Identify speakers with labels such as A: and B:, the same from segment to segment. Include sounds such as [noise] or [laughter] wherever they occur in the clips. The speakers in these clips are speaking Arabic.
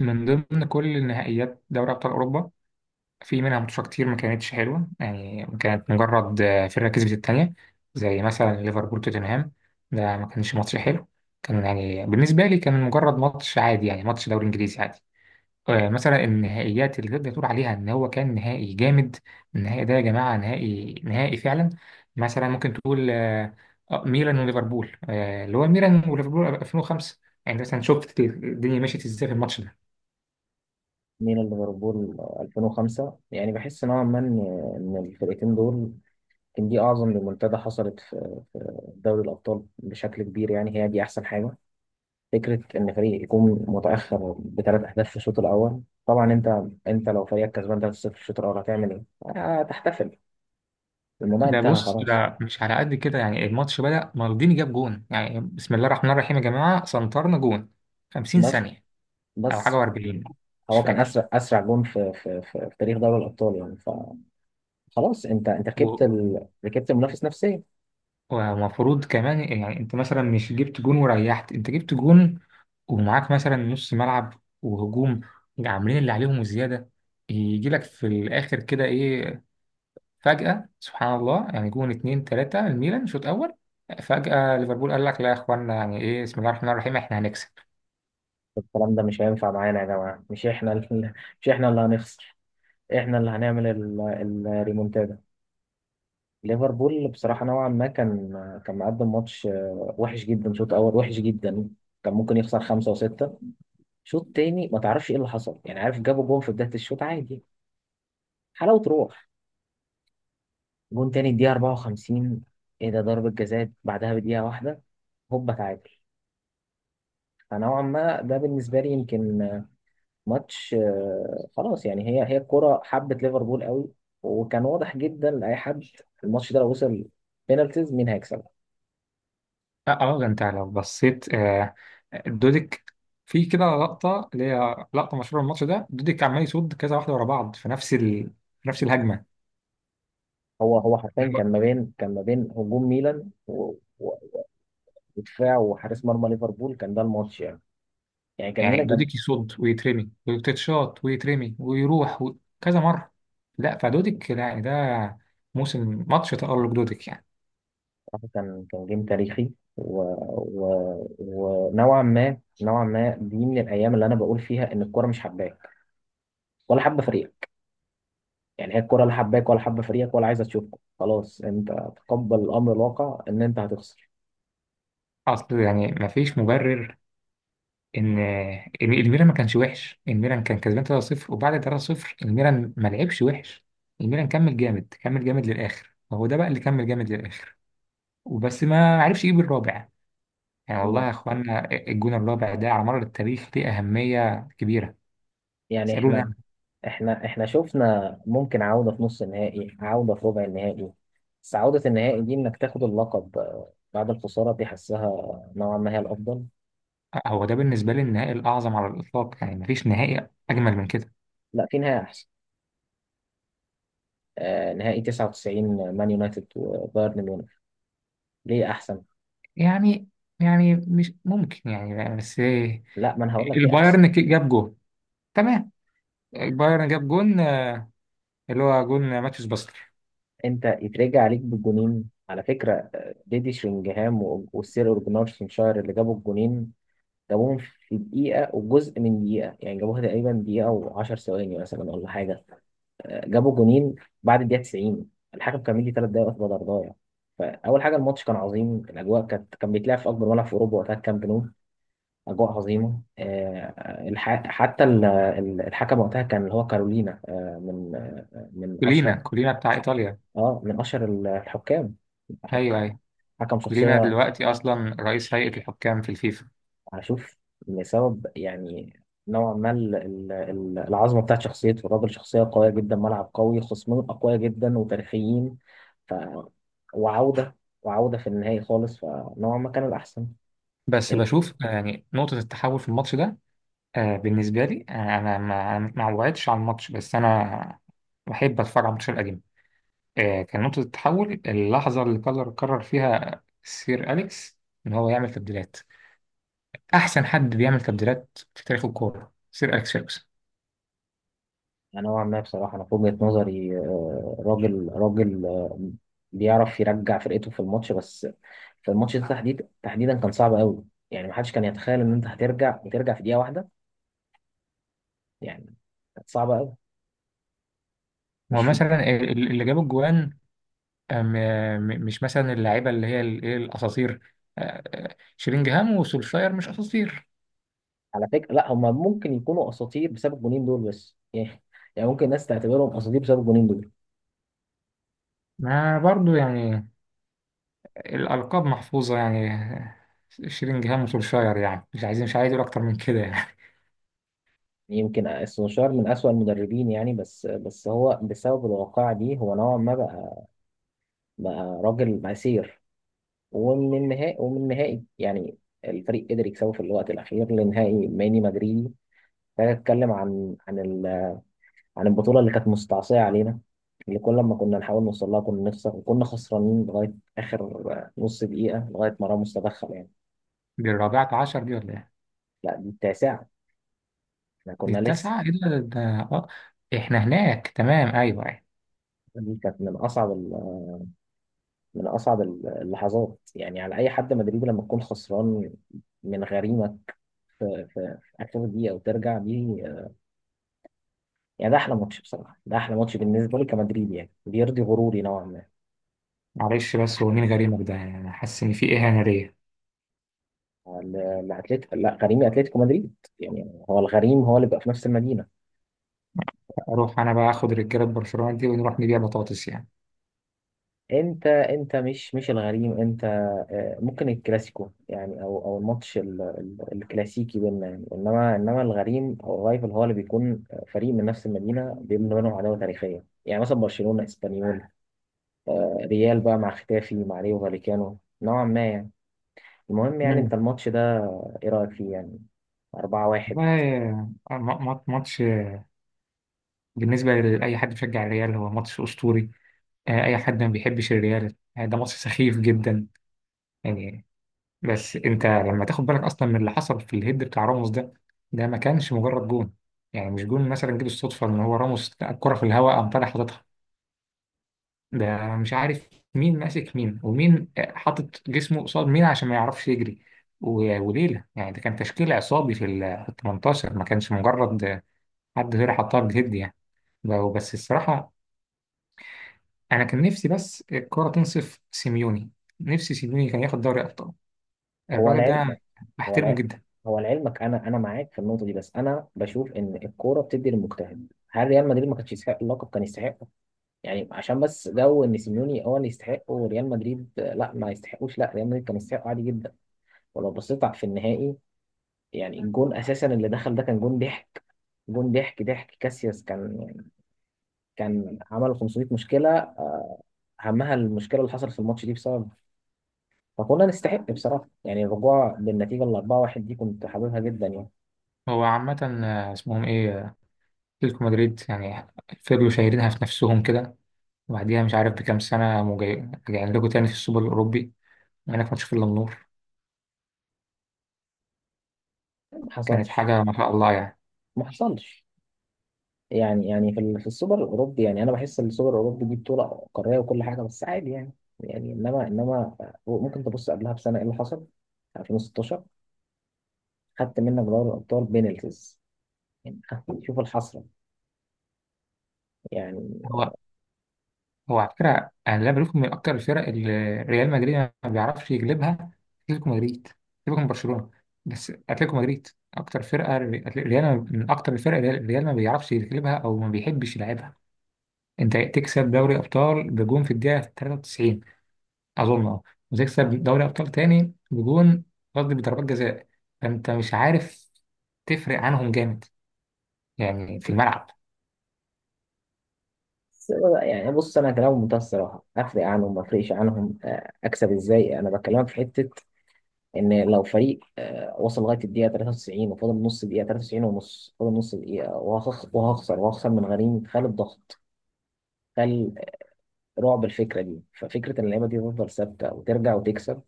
A: من ضمن كل النهائيات دوري أبطال أوروبا، في منها ماتشات كتير ما كانتش حلوة. يعني كانت مجرد فرقة كسبت التانية، زي مثلا ليفربول توتنهام. ده ما كانش ماتش حلو، كان يعني بالنسبة لي كان مجرد ماتش عادي، يعني ماتش دوري إنجليزي عادي. مثلا النهائيات اللي تقدر تقول عليها إن هو كان نهائي جامد. النهائي ده يا جماعة نهائي نهائي فعلا. مثلا ممكن تقول ميلان وليفربول، اللي هو ميلان وليفربول 2005. يعني مثلا شفت الدنيا مشيت ازاي في الماتش ده.
B: ميلان ليفربول 2005، يعني بحس نوعا ما إن الفرقتين دول كان دي اعظم ريمونتادا حصلت في دوري الابطال بشكل كبير. يعني هي دي احسن حاجه، فكره ان فريق يكون متاخر بثلاث اهداف في الشوط الاول. طبعا انت لو فريقك كسبان 3-0 في الشوط الاول، هتعمل ايه؟ هتحتفل، الموضوع
A: ده
B: انتهى
A: بص
B: خلاص.
A: ده مش على قد كده، يعني الماتش بدأ مالديني جاب جون، يعني بسم الله الرحمن الرحيم يا جماعة سنترنا جون 50
B: بس،
A: ثانية أو حاجة
B: بس،
A: و40. مش
B: هو كان
A: فاكر.
B: اسرع جون في تاريخ دوري الابطال يعني. فخلاص انت
A: و- و-
B: ركبت المنافس نفسيا.
A: ومفروض كمان يعني أنت مثلا مش جبت جون وريحت، أنت جبت جون ومعاك مثلا نص ملعب وهجوم عاملين اللي عليهم وزيادة. يجي لك في الآخر كده إيه، فجأة سبحان الله، يعني جون 2-3 الميلان شوط أول. فجأة ليفربول قال لك لا يا إخوانا يعني إيه بسم الله الرحمن الرحيم إحنا هنكسب.
B: الكلام ده مش هينفع معانا يا جماعة. مش احنا ال- [laughs] مش احنا اللي هنخسر، احنا اللي هنعمل الريمونتادا. ليفربول بصراحة نوعا ما كان، كان مقدم ماتش وحش جدا. شوط أول وحش جدا، كان ممكن يخسر خمسة وستة. شوط تاني ما تعرفش ايه اللي حصل. يعني عارف، جابوا جون في بداية الشوط عادي، حلاوة روح. جون تاني الدقيقة 54، ايه ده؟ ضربة جزاء بعدها بدقيقة واحدة، هوبا تعادل. فنوعا ما ده بالنسبة لي يمكن ماتش خلاص. يعني هي الكرة حبت ليفربول قوي، وكان واضح جدا لأي حد الماتش ده لو وصل بينالتيز مين هيكسب.
A: اه، ده انت لو بصيت دوديك، في كده لقطة اللي هي لقطة مشهورة من الماتش ده، دوديك عمال يصد كذا واحدة ورا بعض في نفس في نفس الهجمة.
B: هو حرفيا كان ما بين، كان ما بين هجوم ميلان و- ودفاع وحارس مرمى ليفربول، كان ده الماتش يعني. يعني كان
A: يعني
B: ميلان كان.
A: دوديك يصد ويترمي ويتشاط ويترمي ويروح كذا مرة. لا فدوديك لا، يعني ده موسم ماتش تألق دوديك يعني.
B: بصراحة كان، كان جيم تاريخي. و... ونوعا ما، نوعا ما دي من الأيام اللي أنا بقول فيها إن الكرة مش حباك ولا حابة فريقك. يعني هي الكرة لا حباك ولا حابة فريقك ولا عايزة تشوفك، خلاص انت تقبل الامر الواقع ان انت هتخسر.
A: أصل يعني مفيش مبرر ان الميلان ما كانش وحش، الميلان كان كسبان 3-0، وبعد 3-0 الميلان ما لعبش وحش. الميلان كمل جامد كمل جامد للاخر، فهو ده بقى اللي كمل جامد للاخر، وبس ما عرفش يجيب الرابع. يعني والله يا
B: ما-
A: اخوانا الجون الرابع ده على مر التاريخ ليه اهميه كبيره.
B: يعني
A: اسالوني
B: احنا
A: أنا.
B: احنا احنا شفنا ممكن عودة في نص النهائي، عودة في ربع النهائي، بس عودة النهائي دي انك تاخد اللقب بعد الخسارة دي، حسها نوعا ما هي الافضل.
A: هو ده بالنسبه لي النهائي الاعظم على الاطلاق، يعني مفيش نهائي اجمل من كده.
B: لا، في نهائي احسن. نهائي 99 مان يونايتد وبايرن ميونخ. ليه احسن؟
A: يعني يعني مش ممكن، يعني بس
B: لا، ما انا هقول لك ليه احسن.
A: البايرن جاب جون. تمام. البايرن جاب جون، اللي هو جون ماتيوس باستر.
B: انت يترجع عليك بالجونين على فكرة. ديدي شرينجهام والسير أوليجنار سولشاير اللي جابوا الجونين. جابوهم في دقيقة وجزء من دقيقة يعني، جابوها تقريبا دقيقة وعشر ثواني مثلا ولا حاجة. جابوا جونين بعد الدقيقة 90. الحكم كان مدي 3 دقايق وقت بدل ضايع. فأول حاجة، الماتش كان عظيم، الأجواء كانت، كان بيتلعب في أكبر ملعب في أوروبا وقتها الكامب نو. أجواء عظيمة. حتى الحكم وقتها كان اللي هو كارولينا، من، من
A: كولينا،
B: أشهر،
A: كولينا بتاع إيطاليا.
B: من أشهر الحكام. حك-
A: أيوه، أيوه.
B: حكم
A: كولينا
B: شخصية.
A: دلوقتي أصلا رئيس هيئة الحكام في الفيفا.
B: اشوف، لسبب يعني. نوعا ما العظمه بتاعت شخصيته، الراجل شخصيه قويه جدا، ملعب قوي، خصمين اقوياء جدا وتاريخيين. ف، وعوده وعوده في النهائي خالص، فنوعا ما كان الاحسن.
A: بس
B: ال-
A: بشوف يعني نقطة التحول في الماتش ده، بالنسبة لي، أنا ما وعدتش على الماتش، بس أنا بحب أتفرج على الماتشات القديمة. كان نقطة التحول اللحظة اللي قرر فيها سير أليكس إن هو يعمل تبديلات. أحسن حد بيعمل تبديلات في تاريخ الكورة سير أليكس فيرجسون.
B: نوعا ما بصراحه انا في وجهه نظري، راجل، راجل، بيعرف يرجع فرقته في الماتش. بس في الماتش ده تحديدا كان صعب قوي. يعني محدش كان يتخيل ان انت هترجع وترجع في دقيقه واحده يعني. كانت صعبه قوي.
A: هو
B: مش في.
A: مثلا اللي جاب الجوان، آه، م- مش مثلا اللعيبه اللي هي ايه، الاساطير؟ شيلينجهام وسولشاير مش اساطير؟
B: على فكرة، لا، هم ممكن يكونوا اساطير بسبب الجونين دول. بس يعني [laughs] يعني ممكن الناس تعتبرهم اساطير بسبب الجونين دول.
A: ما برضو يعني الالقاب محفوظه يعني. شيلينجهام وسولشاير، يعني مش عايز اقول اكتر من كده يعني.
B: يعني يمكن سولشاير من اسوأ المدربين يعني. بس هو بسبب الواقعة دي، هو نوعا ما بقى، بقى راجل مسير. ومن النهائي، يعني الفريق قدر يكسبه في الوقت الاخير لنهائي ماني مدريدي. ده اتكلم عن عن البطولة اللي كانت مستعصية علينا، اللي كل ما كنا نحاول نوصل لها كنا نخسر، وكنا خسرانين لغاية آخر نص دقيقة، لغاية ما راموس تدخل يعني.
A: [laughs] دي الرابعه عشر دي ولا ايه؟
B: لا، دي التاسعة. احنا
A: دي
B: كنا لسه.
A: التاسعه. ايه ده اه، احنا هناك، تمام، ايوه ايوه.
B: دي كانت من اصعب من اصعب اللحظات يعني على اي حد مدريدي. لما تكون خسران من غريمه في اخر دقيقه وترجع دي، يعني ده احلى ماتش بصراحه. ده احلى ماتش بالنسبه لي كمدريدي، يعني بيرضي غروري نوعا ما.
A: معلش بس هو مين غريمك ده؟ يعني انا حاسس ان في اهانه ليا.
B: الاتليتيكو، لا، غريمي اتلتيكو مدريد. يعني هو الغريم هو اللي بيبقى في نفس المدينه.
A: اروح انا بقى اخد رجاله برشلونه دي ونروح نبيع بطاطس يعني.
B: انت مش الغريم انت. ممكن الكلاسيكو، يعني او الماتش الكلاسيكي بيننا يعني. انما الغريم او الرايفل هو اللي بيكون فريق من نفس المدينه بيبني بينهم عداوه تاريخيه. يعني مثلا برشلونه اسبانيول، ريال بقى مع ختافي مع ريو فاليكانو نوعا ما يعني. المهم، يعني انت
A: امم
B: الماتش ده، ايه رايك فيه يعني؟ 4-1.
A: والله، ماتش بالنسبة لأي حد بيشجع الريال هو ماتش أسطوري. أي حد ما بيحبش الريال، ده ماتش سخيف جدا يعني. بس أنت لما تاخد بالك أصلا من اللي حصل في الهيد بتاع راموس ده، ده ما كانش مجرد جون. يعني مش جون مثلا جه بالصدفة إن هو راموس لقى الكرة في الهواء قام طالع حاططها. ده مش عارف مين ماسك مين ومين حاطط جسمه قصاد مين عشان ما يعرفش يجري، وليلة يعني ده كان تشكيل عصابي في ال 18. ما كانش مجرد حد غير حطها بالهيد يعني. بس الصراحة، انا كان نفسي بس الكرة تنصف سيميوني. نفسي سيميوني كان ياخد دوري ابطال.
B: هو
A: الراجل ده
B: العلم، هو
A: بحترمه
B: العلم.
A: جدا.
B: هو لعلمك انا معاك في النقطه دي. بس انا بشوف ان الكوره بتدي للمجتهد. هل ريال مدريد ما كانش يستحق اللقب؟ كان يستحق. يعني عشان بس جو ان سيميوني هو اللي يستحق وريال مدريد، لا، ما يستحقوش؟ لا، ريال مدريد كان يستحق عادي جدا. ولو بصيت في النهائي، يعني الجون اساسا اللي دخل ده كان جون ضحك. جون ضحك كاسياس كان يعني، كان عمل 500 مشكله، اهمها المشكله اللي حصلت في الماتش دي بسبب. فكنا نستحق بصراحه. يعني الرجوع بالنتيجه ال 4-1 دي كنت حاببها جدا يعني.
A: هو عامة اسمهم ايه، اتلتيكو مدريد يعني. فضلوا شايلينها في نفسهم كده، وبعديها مش عارف بكام سنة راجعين لكم تاني في السوبر الأوروبي، وهناك ما تشوف إلا النور.
B: ما
A: كانت
B: حصلش.
A: حاجة ما شاء الله يعني.
B: ما حصلش. يعني يعني في السوبر الاوروبي، يعني انا بحس ان السوبر الاوروبي دي بطوله قاريه وكل حاجه. بس عادي يعني. يعني انما ممكن تبص قبلها بسنه ايه اللي حصل، 2016. خدت منك دوري الابطال بينالتيز يعني [laughs] شوف الحسره يعني.
A: هو هو على فكرة، أنا اللي بشوفه من أكتر الفرق اللي ريال مدريد ما بيعرفش يجلبها أتلتيكو مدريد. أتلتيكو من برشلونة، بس أتلتيكو مدريد أكتر فرقة ريال. من أكتر الفرق اللي ريال ما بيعرفش يجلبها أو ما بيحبش يلعبها. أنت تكسب دوري أبطال بجون في الدقيقة 93 أظن أه، وتكسب دوري أبطال تاني بجون، قصدي بضربات جزاء. فأنت مش عارف، تفرق عنهم جامد يعني في الملعب.
B: بس- يعني بص، انا كلام بمنتهى الصراحه افرق عنهم ما افرقش عنهم، اكسب ازاي. انا بكلمك في حته، ان لو فريق وصل لغايه الدقيقه 93، وفاضل نص دقيقه، 93 ونص، فاضل نص دقيقه وهخسر، وهخسر من غريم، خال الضغط، خال رعب الفكره دي. ففكره ان اللعيبه دي تفضل ثابته وترجع وتكسب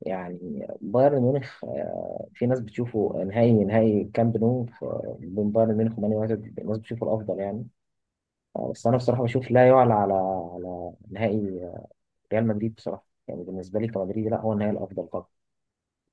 B: يعني. بايرن ميونخ، في ناس بتشوفه نهائي، كامب نو، بين بايرن ميونخ ومان يونايتد، الناس بتشوفه الافضل يعني. بس انا بصراحه بشوف لا يعلى على، على نهائي، ريال مدريد بصراحه. يعني بالنسبه لي كمدريدي لا، هو النهائي الافضل طبعا.